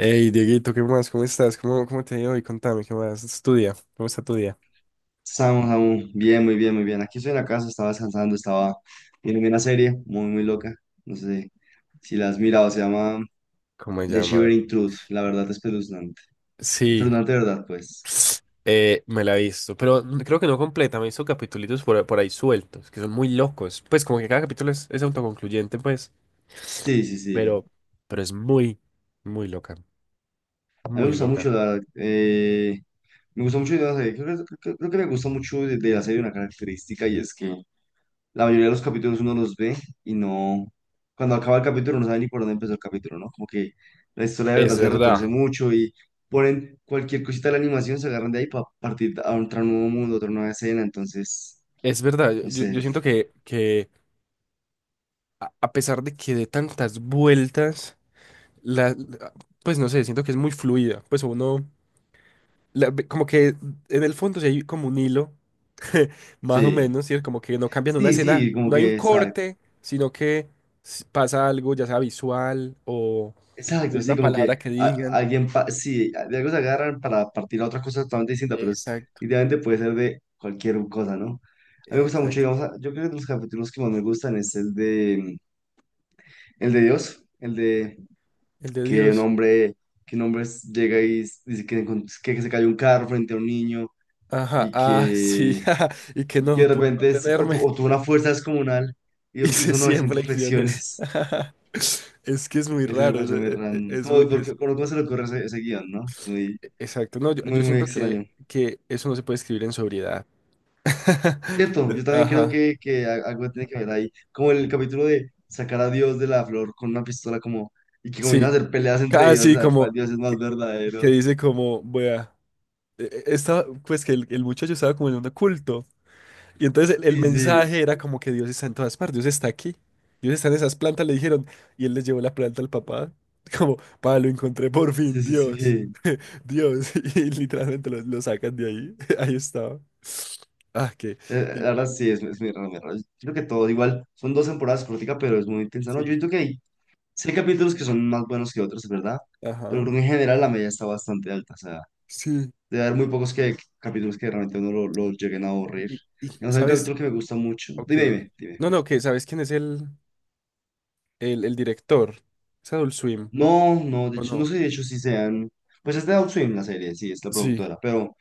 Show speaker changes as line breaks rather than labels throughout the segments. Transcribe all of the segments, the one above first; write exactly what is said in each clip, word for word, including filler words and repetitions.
Hey, Dieguito, ¿qué más? ¿Cómo estás? ¿Cómo, cómo te ha ido hoy? Contame, ¿qué más? ¿Es tu día? ¿Cómo está tu día?
Samu, Samu, bien, muy bien, muy bien. Aquí estoy en la casa, estaba descansando, estaba viendo una serie muy, muy loca. No sé si la has mirado, se llama
¿Cómo se
The
llama? A ver.
Shivering Truth, la verdad espeluznante.
Sí,
Espeluznante, de ¿verdad? Pues
eh, me la he visto, pero n- creo que no completa, me he visto capítulos por, por ahí sueltos, que son muy locos. Pues como que cada capítulo es, es autoconcluyente, pues,
sí, sí, sí.
pero, pero es muy, muy loca,
A mí me
muy
gusta
loca.
mucho, la verdad. Eh, me gusta mucho, de la serie. Creo, que creo que- creo que me gusta mucho de, de la serie una característica y es que la mayoría de los capítulos uno los ve y no, cuando acaba el capítulo no sabe ni por dónde empezó el capítulo, ¿no? Como que la historia de
Es
verdad se retorce
verdad,
mucho y ponen cualquier cosita de la animación, se agarran de ahí para partir a otro nuevo mundo, otra nueva escena, entonces,
es verdad. Yo,
no
yo- yo
sé,
siento que, que a a pesar de que dé tantas vueltas, la, la- pues no sé, siento que es muy fluida. Pues uno la- ve- como que en el fondo sí hay como un hilo, más o
sí,
menos, ¿cierto? Como que no cambian una
sí,
escena,
sí, como
no hay un
que exacto,
corte, sino que s- pasa algo, ya sea visual o o
exacto,
una
sí, como que
palabra que
a-
digan.
alguien, pa- sí, de algo se agarran para partir a otra cosa totalmente distinta, pero es,
Exacto,
idealmente puede ser de cualquier cosa, ¿no? A mí me gusta mucho,
exacto.
digamos, a- yo creo que de los capítulos que más me gustan es el de... El de Dios, el de
El de
que un
Dios.
hombre, que un hombre llega y s- dice que, encont- que se cayó un carro frente a un niño,
Ajá,
y
ah, sí,
que,
ajá, y que
y que
no
de
pude
repente es- o
contenerme.
tu- o tuvo una fuerza descomunal y
Hice
hizo
cien
novecientas
flexiones.
flexiones.
Es que es muy
Eso me
raro.
parece muy
Es, es-
random.
es muy-
¿Cómo, por
es-
qué- cómo- cómo se le ocurre ese, ese guión, no? Es muy,
e, exacto. No, yo,
muy,
yo
muy
siento que,
extraño.
que eso no se puede escribir en sobriedad.
Cierto, yo también creo
Ajá.
que, que a- algo tiene que ver ahí. Como el capítulo de sacar a Dios de la flor con una pistola como... Y que comienzan
Sí,
a hacer peleas entre dioses
casi
a ver cuál
como
dios es más
que, que
verdadero.
dice como, vea, e- e- esta, pues que el, el muchacho estaba como en un culto. Y entonces el, el
Sí, sí,
mensaje era como que Dios está en todas partes, Dios está aquí. Dios está en esas plantas, le dijeron, y él les llevó la planta al papá. Como, pa, lo encontré por
sí,
fin,
sí, sí.
Dios.
Eh,
Dios. Y literalmente lo, lo sacan de ahí. Ahí estaba. Ah, qué,
La
qué
verdad
increíble
sí,
esa
es, es
serie.
muy raro, muy raro. Yo Creo que todo igual. Son dos temporadas corticas, pero es muy intensa. No,
Sí.
yo creo que hay, sí hay capítulos que son más buenos que otros, es verdad. Pero
Ajá.
creo que en general la media está bastante alta. O sea,
Sí.
debe haber muy pocos que, capítulos que realmente uno lo, lo lleguen a aburrir.
Y, y,
Digamos, hay un
¿sabes?
capítulo que me gusta mucho.
Ok,
Dime,
ok.
dime, dime.
No, no, que ¿sabes quién es el? El, el director. ¿Es Adult Swim?
No, no, de
¿O
hecho, no
no?
sé, si de hecho, si sean. Pues es de Outstream la serie, sí, es la
Sí.
productora, pero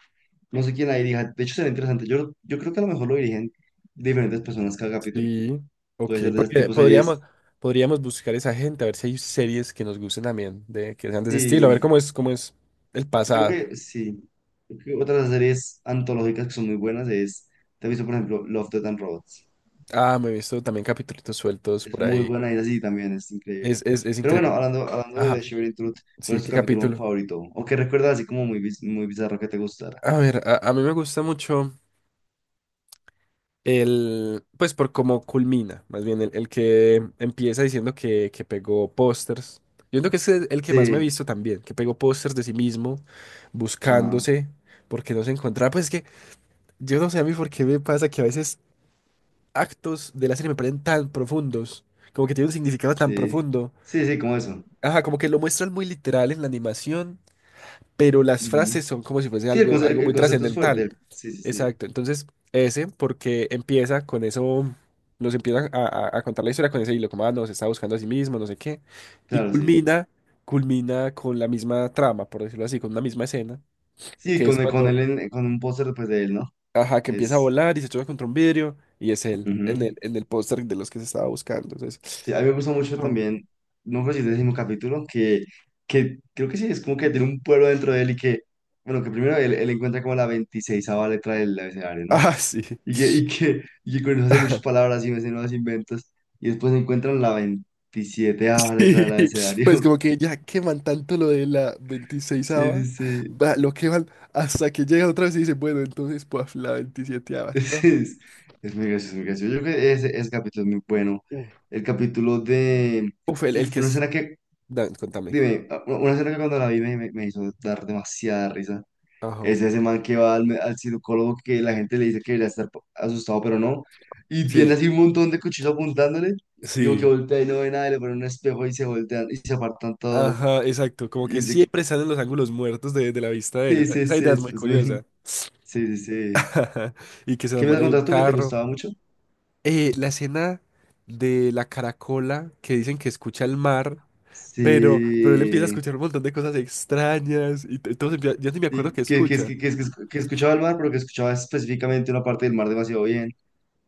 no sé quién la dirija. De hecho, será interesante. Yo, yo creo que a lo mejor lo dirigen diferentes personas cada capítulo.
Sí. Ok,
Puede ser de ese
porque
tipo de
podríamos,
series.
podríamos buscar esa gente, a ver si hay series que nos gusten también, de, que sean de ese estilo, a ver
Sí,
cómo es, cómo es el
yo
pasado.
que sí. Yo creo que otras series antológicas que son muy buenas es, te he visto por ejemplo Love, Death and Robots.
Ah, me he visto también capítulos sueltos
Es
por
muy
ahí.
buena y así también, es
Es,
increíble.
es, es
Pero bueno,
increíble.
hablando, hablando de The
Ajá.
Shivering Truth, ¿cuál
Sí,
es tu
qué
capítulo
capítulo.
favorito? O que recuerdas así como muy, biz- muy bizarro que te gustara.
A ver, a, a mí me gusta mucho. El, pues por cómo culmina, más bien el, el que empieza diciendo que, que pegó pósters. Yo creo que es el el que más me he
Sí,
visto también, que pegó pósters de sí mismo,
ajá,
buscándose, porque no se encontraba. Pues es que yo no sé a mí por qué me pasa que a veces actos de la serie me parecen tan profundos, como que tienen un significado tan
sí.
profundo.
Sí, sí, como eso.
Ajá, como que lo muestran muy literal en la animación, pero las
Ujú.
frases son como si fuese
Sí, el,
algo, algo
conce- el
muy
concepto es
trascendental.
fuerte. Sí, sí, sí.
Exacto, entonces ese, porque empieza con eso, nos empieza a, a- a contar la historia con ese hilo, como, ah, no, se está buscando a sí mismo, no sé qué, y
Claro, sí.
culmina, culmina, con la misma trama, por decirlo así, con una misma escena,
Sí,
que es
con, el- con,
cuando,
él en- con un póster pues de él, ¿no?
ajá, que empieza a
Es...
volar y se choca contra un vidrio, y es él, en
ujú.
el, en el póster de los que se estaba buscando, entonces,
Sí, a mí me gusta mucho
no.
también, no creo si es el décimo capítulo, que, que, creo que sí, es como que tiene un pueblo dentro de él y que, bueno, que primero él, él encuentra como la veintiséis letra del abecedario, ¿no?
Ah, sí.
Y que, y que, y que con eso hace muchas palabras y hace nuevos inventos, y después encuentran la veintisiete letra del abecedario.
Pues como que ya queman tanto lo de la veintiséis
Sí, sí, sí.
va- lo queman hasta que llega otra vez y dice bueno, entonces pues la veintisieteava,
Es,
¿no?
es muy gracioso, muy gracioso. Yo creo que ese, ese capítulo es muy bueno.
Uf.
El capítulo de...
Uf, el, el
Uf,
que
una
es.
escena que,
Dan, contame.
dime, una escena que cuando la vi me, me me hizo dar demasiada risa.
Ajá.
Es ese man que va al, me- al cirujólogo, que la gente le dice que debería estar po- asustado, pero no. Y tiene
Sí,
así un montón de cuchillos apuntándole. Digo que
sí.
voltea y no ve nada, y le pone un espejo y se voltean y se apartan todos.
Ajá, exacto. Como
Y
que
dice,
siempre salen los ángulos muertos de, de la vista de él.
sí,
Esa,
sí,
esa
sí,
idea es muy
después me-
curiosa.
Sí, sí, sí.
Ajá. Y que se
¿Qué me
enamora
has
de un
contado tú que te
carro.
gustaba mucho?
Eh, la escena de la caracola que dicen que escucha el mar. Pero, pero él empieza a
Sí.
escuchar un montón de cosas extrañas y t- entonces empie- yo ni me acuerdo
sí,
qué
que, que,
escucha.
que, que, que que escuchaba el mar, pero que escuchaba específicamente una parte del mar demasiado bien.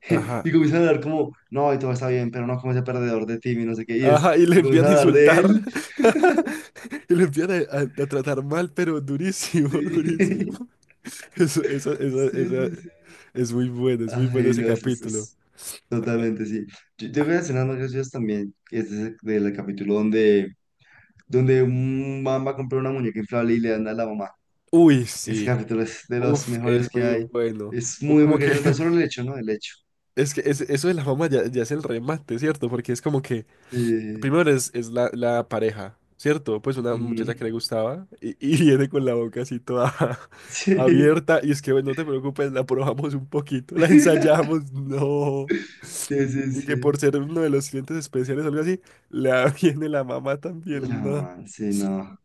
Ajá.
Y comienzan a hablar como, no, y todo está bien, pero no como ese perdedor de Timmy, no sé qué. Y es,
Ajá, y le
y comienzan
empiezan a
a hablar de él.
insultar. Y le empiezan a, a- a tratar mal, pero durísimo, durísimo.
Sí.
Eso, esa, esa,
Sí,
esa,
sí, sí.
Es muy bueno, es muy bueno
Ay,
ese
no, es, es,
capítulo.
es totalmente, sí. Yo tengo una escena más graciosa también, que es ese del capítulo donde, donde un man va a comprar una muñeca inflable y le dan a la mamá.
Uy,
Ese
sí.
capítulo es de los
Uf,
mejores
es
que
muy
hay.
bueno.
Es
O
muy,
como
muy
que,
gracioso, tan solo el hecho, ¿no? El hecho.
es que es- eso de la fama ya, ya es el remate, ¿cierto? Porque es como que
Sí.
primero es, es la, la pareja, ¿cierto? Pues una
ujú,
muchacha que le gustaba y, y viene con la boca así toda
sí.
abierta y es que, bueno, no te preocupes, la probamos un poquito, la ensayamos, no.
Sí, sí,
Y que por
sí.
ser uno de los clientes especiales o algo así, la viene la mamá
La
también, no.
mamá, sí, no.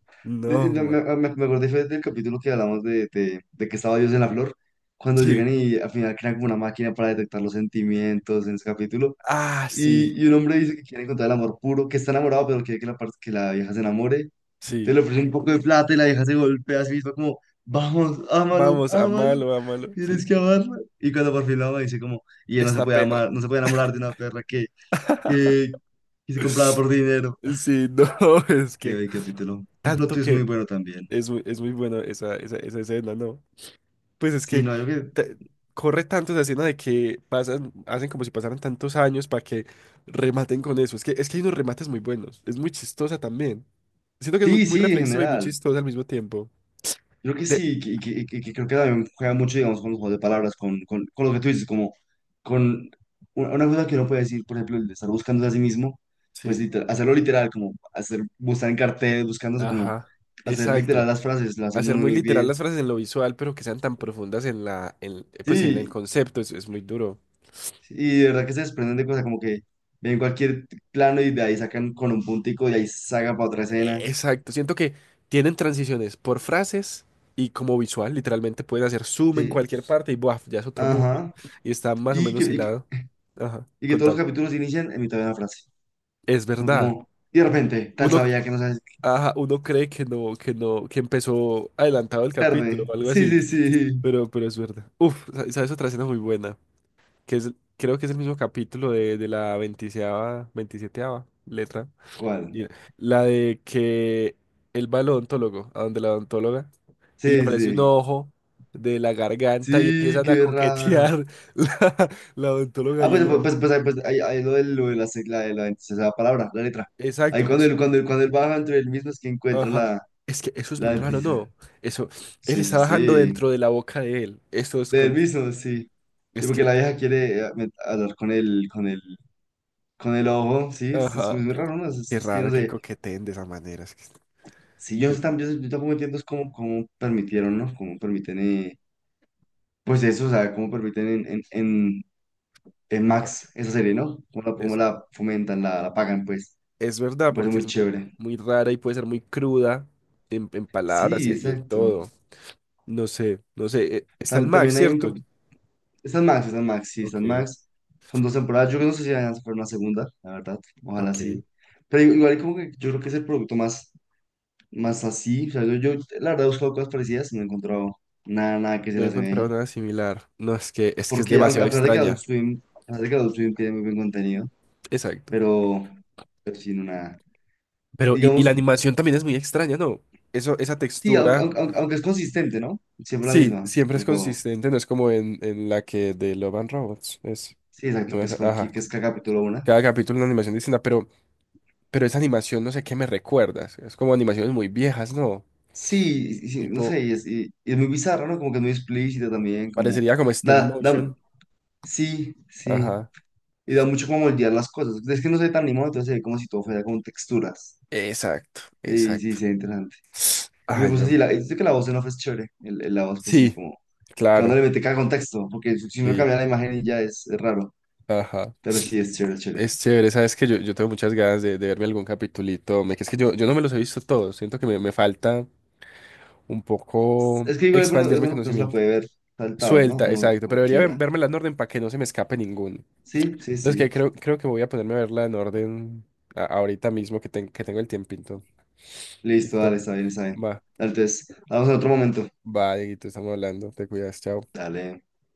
Eh,
No,
no,
ma.
Me, me, me acordé fue del capítulo que hablamos de, de, de que estaba Dios en la flor, cuando
Sí.
llegan y al final crean como una máquina para detectar los sentimientos en ese capítulo,
Ah, sí,
y, y un hombre dice que quiere encontrar el amor puro, que está enamorado, pero quiere que la, par- que la vieja se enamore, te
sí.
le ofrece un poco de plata y la vieja se golpea a sí misma como, vamos, ámalo,
Vamos,
ámalo,
amalo, amalo,
tienes
sí.
que amarla. Y cuando por fin la ama dice como, y él no se
Esta
puede
perra.
amar, no se puede enamorar de una perra que, que, que se compraba por dinero.
Sí, no, es
Qué
que
buen capítulo. Un plot
tanto
twist muy
que.
bueno también.
Es muy, es muy bueno esa, esa, esa escena, ¿no? Pues es
Sí,
que
no, yo que
te- corre tanto esa escena de que pasan, hacen como si pasaran tantos años para que rematen con eso. Es que, es que hay unos remates muy buenos. Es muy chistosa también. Siento que es muy,
Sí,
muy
Sí, en
reflexiva y muy
general.
chistosa al mismo tiempo.
Yo creo que
De...
sí, que, que, que- que creo que también juega mucho, digamos, con los juegos de palabras, con, con, con lo que tú dices, como con una, una cosa que uno puede decir, por ejemplo, el de estar buscándose a sí mismo, pues
Sí,
literal- hacerlo literal, como hacer, buscar en carteles, buscándose, como
ajá,
hacer literal
exacto.
las frases, lo hace
Hacer
muy,
muy
muy
literal
bien.
las frases en lo visual, pero que sean tan profundas en la, en, eh, pues, sí, en el
Sí,
concepto, es, es muy duro.
sí, y de verdad que se desprenden de cosas, como que ven cualquier plano y de ahí sacan con un puntico y ahí sacan para otra
Eh,
escena.
Exacto, siento que tienen transiciones por frases y como visual, literalmente pueden hacer zoom en
Sí,
cualquier parte y ¡buaf!, ya es otro mundo
ajá.
y está más o
Y que,
menos
y que,
hilado. Ajá,
y que todos
contame.
los capítulos inician en mitad de una frase.
Es
No
verdad.
como, y de repente, tal
Uno,
sabía que no sabes
ajá, uno cree que no, que no, que empezó adelantado el capítulo o
tarde.
algo
Sí,
así,
sí, sí.
pero, pero es verdad. Uf, sa- sabes otra escena muy buena, que es, creo que es el mismo capítulo de, de la veintiséis veintisieteava letra,
¿Cuál?
y la de que él va al odontólogo, a donde la odontóloga, y le
Sí,
aparece un
sí.
ojo de la garganta y
Sí,
empiezan a
qué raro.
coquetear la, la odontóloga
Ah,
y
pues,
el
pues, pues,
ojo.
pues, ahí- pues ahí, ahí lo de, lo de la, se- la, la, esa palabra, la letra. Ahí
Exacto,
cuando
justo.
él, cuando él, cuando él baja entre él mismo es que encuentra
Ajá.
la,
Es que eso es
la
muy raro,
dentista.
¿no? Eso, él
Sí,
está
sí,
bajando
sí.
dentro de la boca de él. Eso es
De él
con.
mismo, sí. Y
Es que.
porque la vieja quiere eh, met- hablar con el, con el, con el ojo, sí, es, es
Ajá.
muy raro, ¿no? Es, es-
Qué
es que no
raro que
sé.
coqueteen de esa manera. Es que.
Si yo,
Dios
tam-
mío.
yo, yo tampoco entiendo es cómo, cómo permitieron, ¿no? Cómo permiten. eh, Pues eso, o sea, cómo permiten en, en, en, en
Ajá.
Max esa serie, ¿no? Cómo la, cómo
Es,
la fomentan, la, la pagan, pues.
es verdad,
Me parece
porque
muy
es muy,
chévere.
muy rara y puede ser muy cruda en, en palabras
Sí,
y, y en
exacto.
todo. No sé, no sé. eh, Está el
Tam-
Max,
también hay un
¿cierto?
capítulo. Está en Max, está en Max, sí, está en
Ok,
Max. Son dos temporadas. Yo no sé si van a hacer una segunda, la verdad. Ojalá sí.
ok.
Pero igual como que yo creo que es el producto más, más así. O sea, yo, yo la verdad he buscado cosas parecidas y no he encontrado nada, nada que se
No he
las
encontrado
asemeje.
nada similar. No, es que es que es
Porque aunque-
demasiado
a pesar de que Adult
extraña.
Swim, a pesar de que Adult Swim tiene muy buen contenido,
Exacto.
pero, pero sí, no nada.
Pero, y, y la
Digamos.
animación también es muy extraña, ¿no? Eso, esa
Sí, aunque,
textura,
aunque, aunque- aunque es consistente, ¿no? Siempre la
sí,
misma,
siempre es
por todo.
consistente, no es como en, en la que de Love and Robots. Es,
Sí,
no
exacto, que
me
es
acu-
Hulky,
ajá.
que es cada capítulo una.
Cada capítulo una animación distinta, pero, pero esa animación no sé qué me recuerdas. Es como animaciones muy viejas, ¿no?
Sí, y- sí, no
Tipo,
sé, y es, y- y es muy bizarro, ¿no? Como que es muy explícita también, como...
parecería como stop
Da, da,
motion.
sí, sí.
Ajá.
Y da mucho como moldear las cosas. Es que no se ve tan animado, entonces se ve como si todo fuera con texturas.
Exacto,
Sí, sí,
exacto.
sí, interesante. Y me
Ay,
gusta
yo,
así,
man.
la, yo que la voz en off es chévere. El, el- la voz, pues sí,
Sí,
como... Que cuando
claro,
le mete cada contexto, porque si no
sí.
cambia la imagen y ya es, es raro.
Ajá.
Pero sí, es chévere, chévere.
Es chévere, sabes que yo, yo tengo muchas ganas de, de verme algún capitulito. Me, que es que yo, yo no me los he visto todos. Siento que me, me falta un poco
Es que igual alguno,
expandir mi
alguno que no se la
conocimiento.
puede ver saltados, ¿no?
Suelta,
Uno
exacto. Pero debería
cualquiera.
ver- vérmela en orden para que no se me escape ninguno.
Sí, sí,
Entonces que
sí.
creo, creo que voy a ponerme a verla en orden a- ahorita mismo que, ten- que tengo el tiempito.
Listo, dale,
Listo.
está bien, está bien.
Va,
Dale, Entonces, vamos a otro momento.
va, Dieguito, estamos hablando. Te cuidas, chao.
Dale.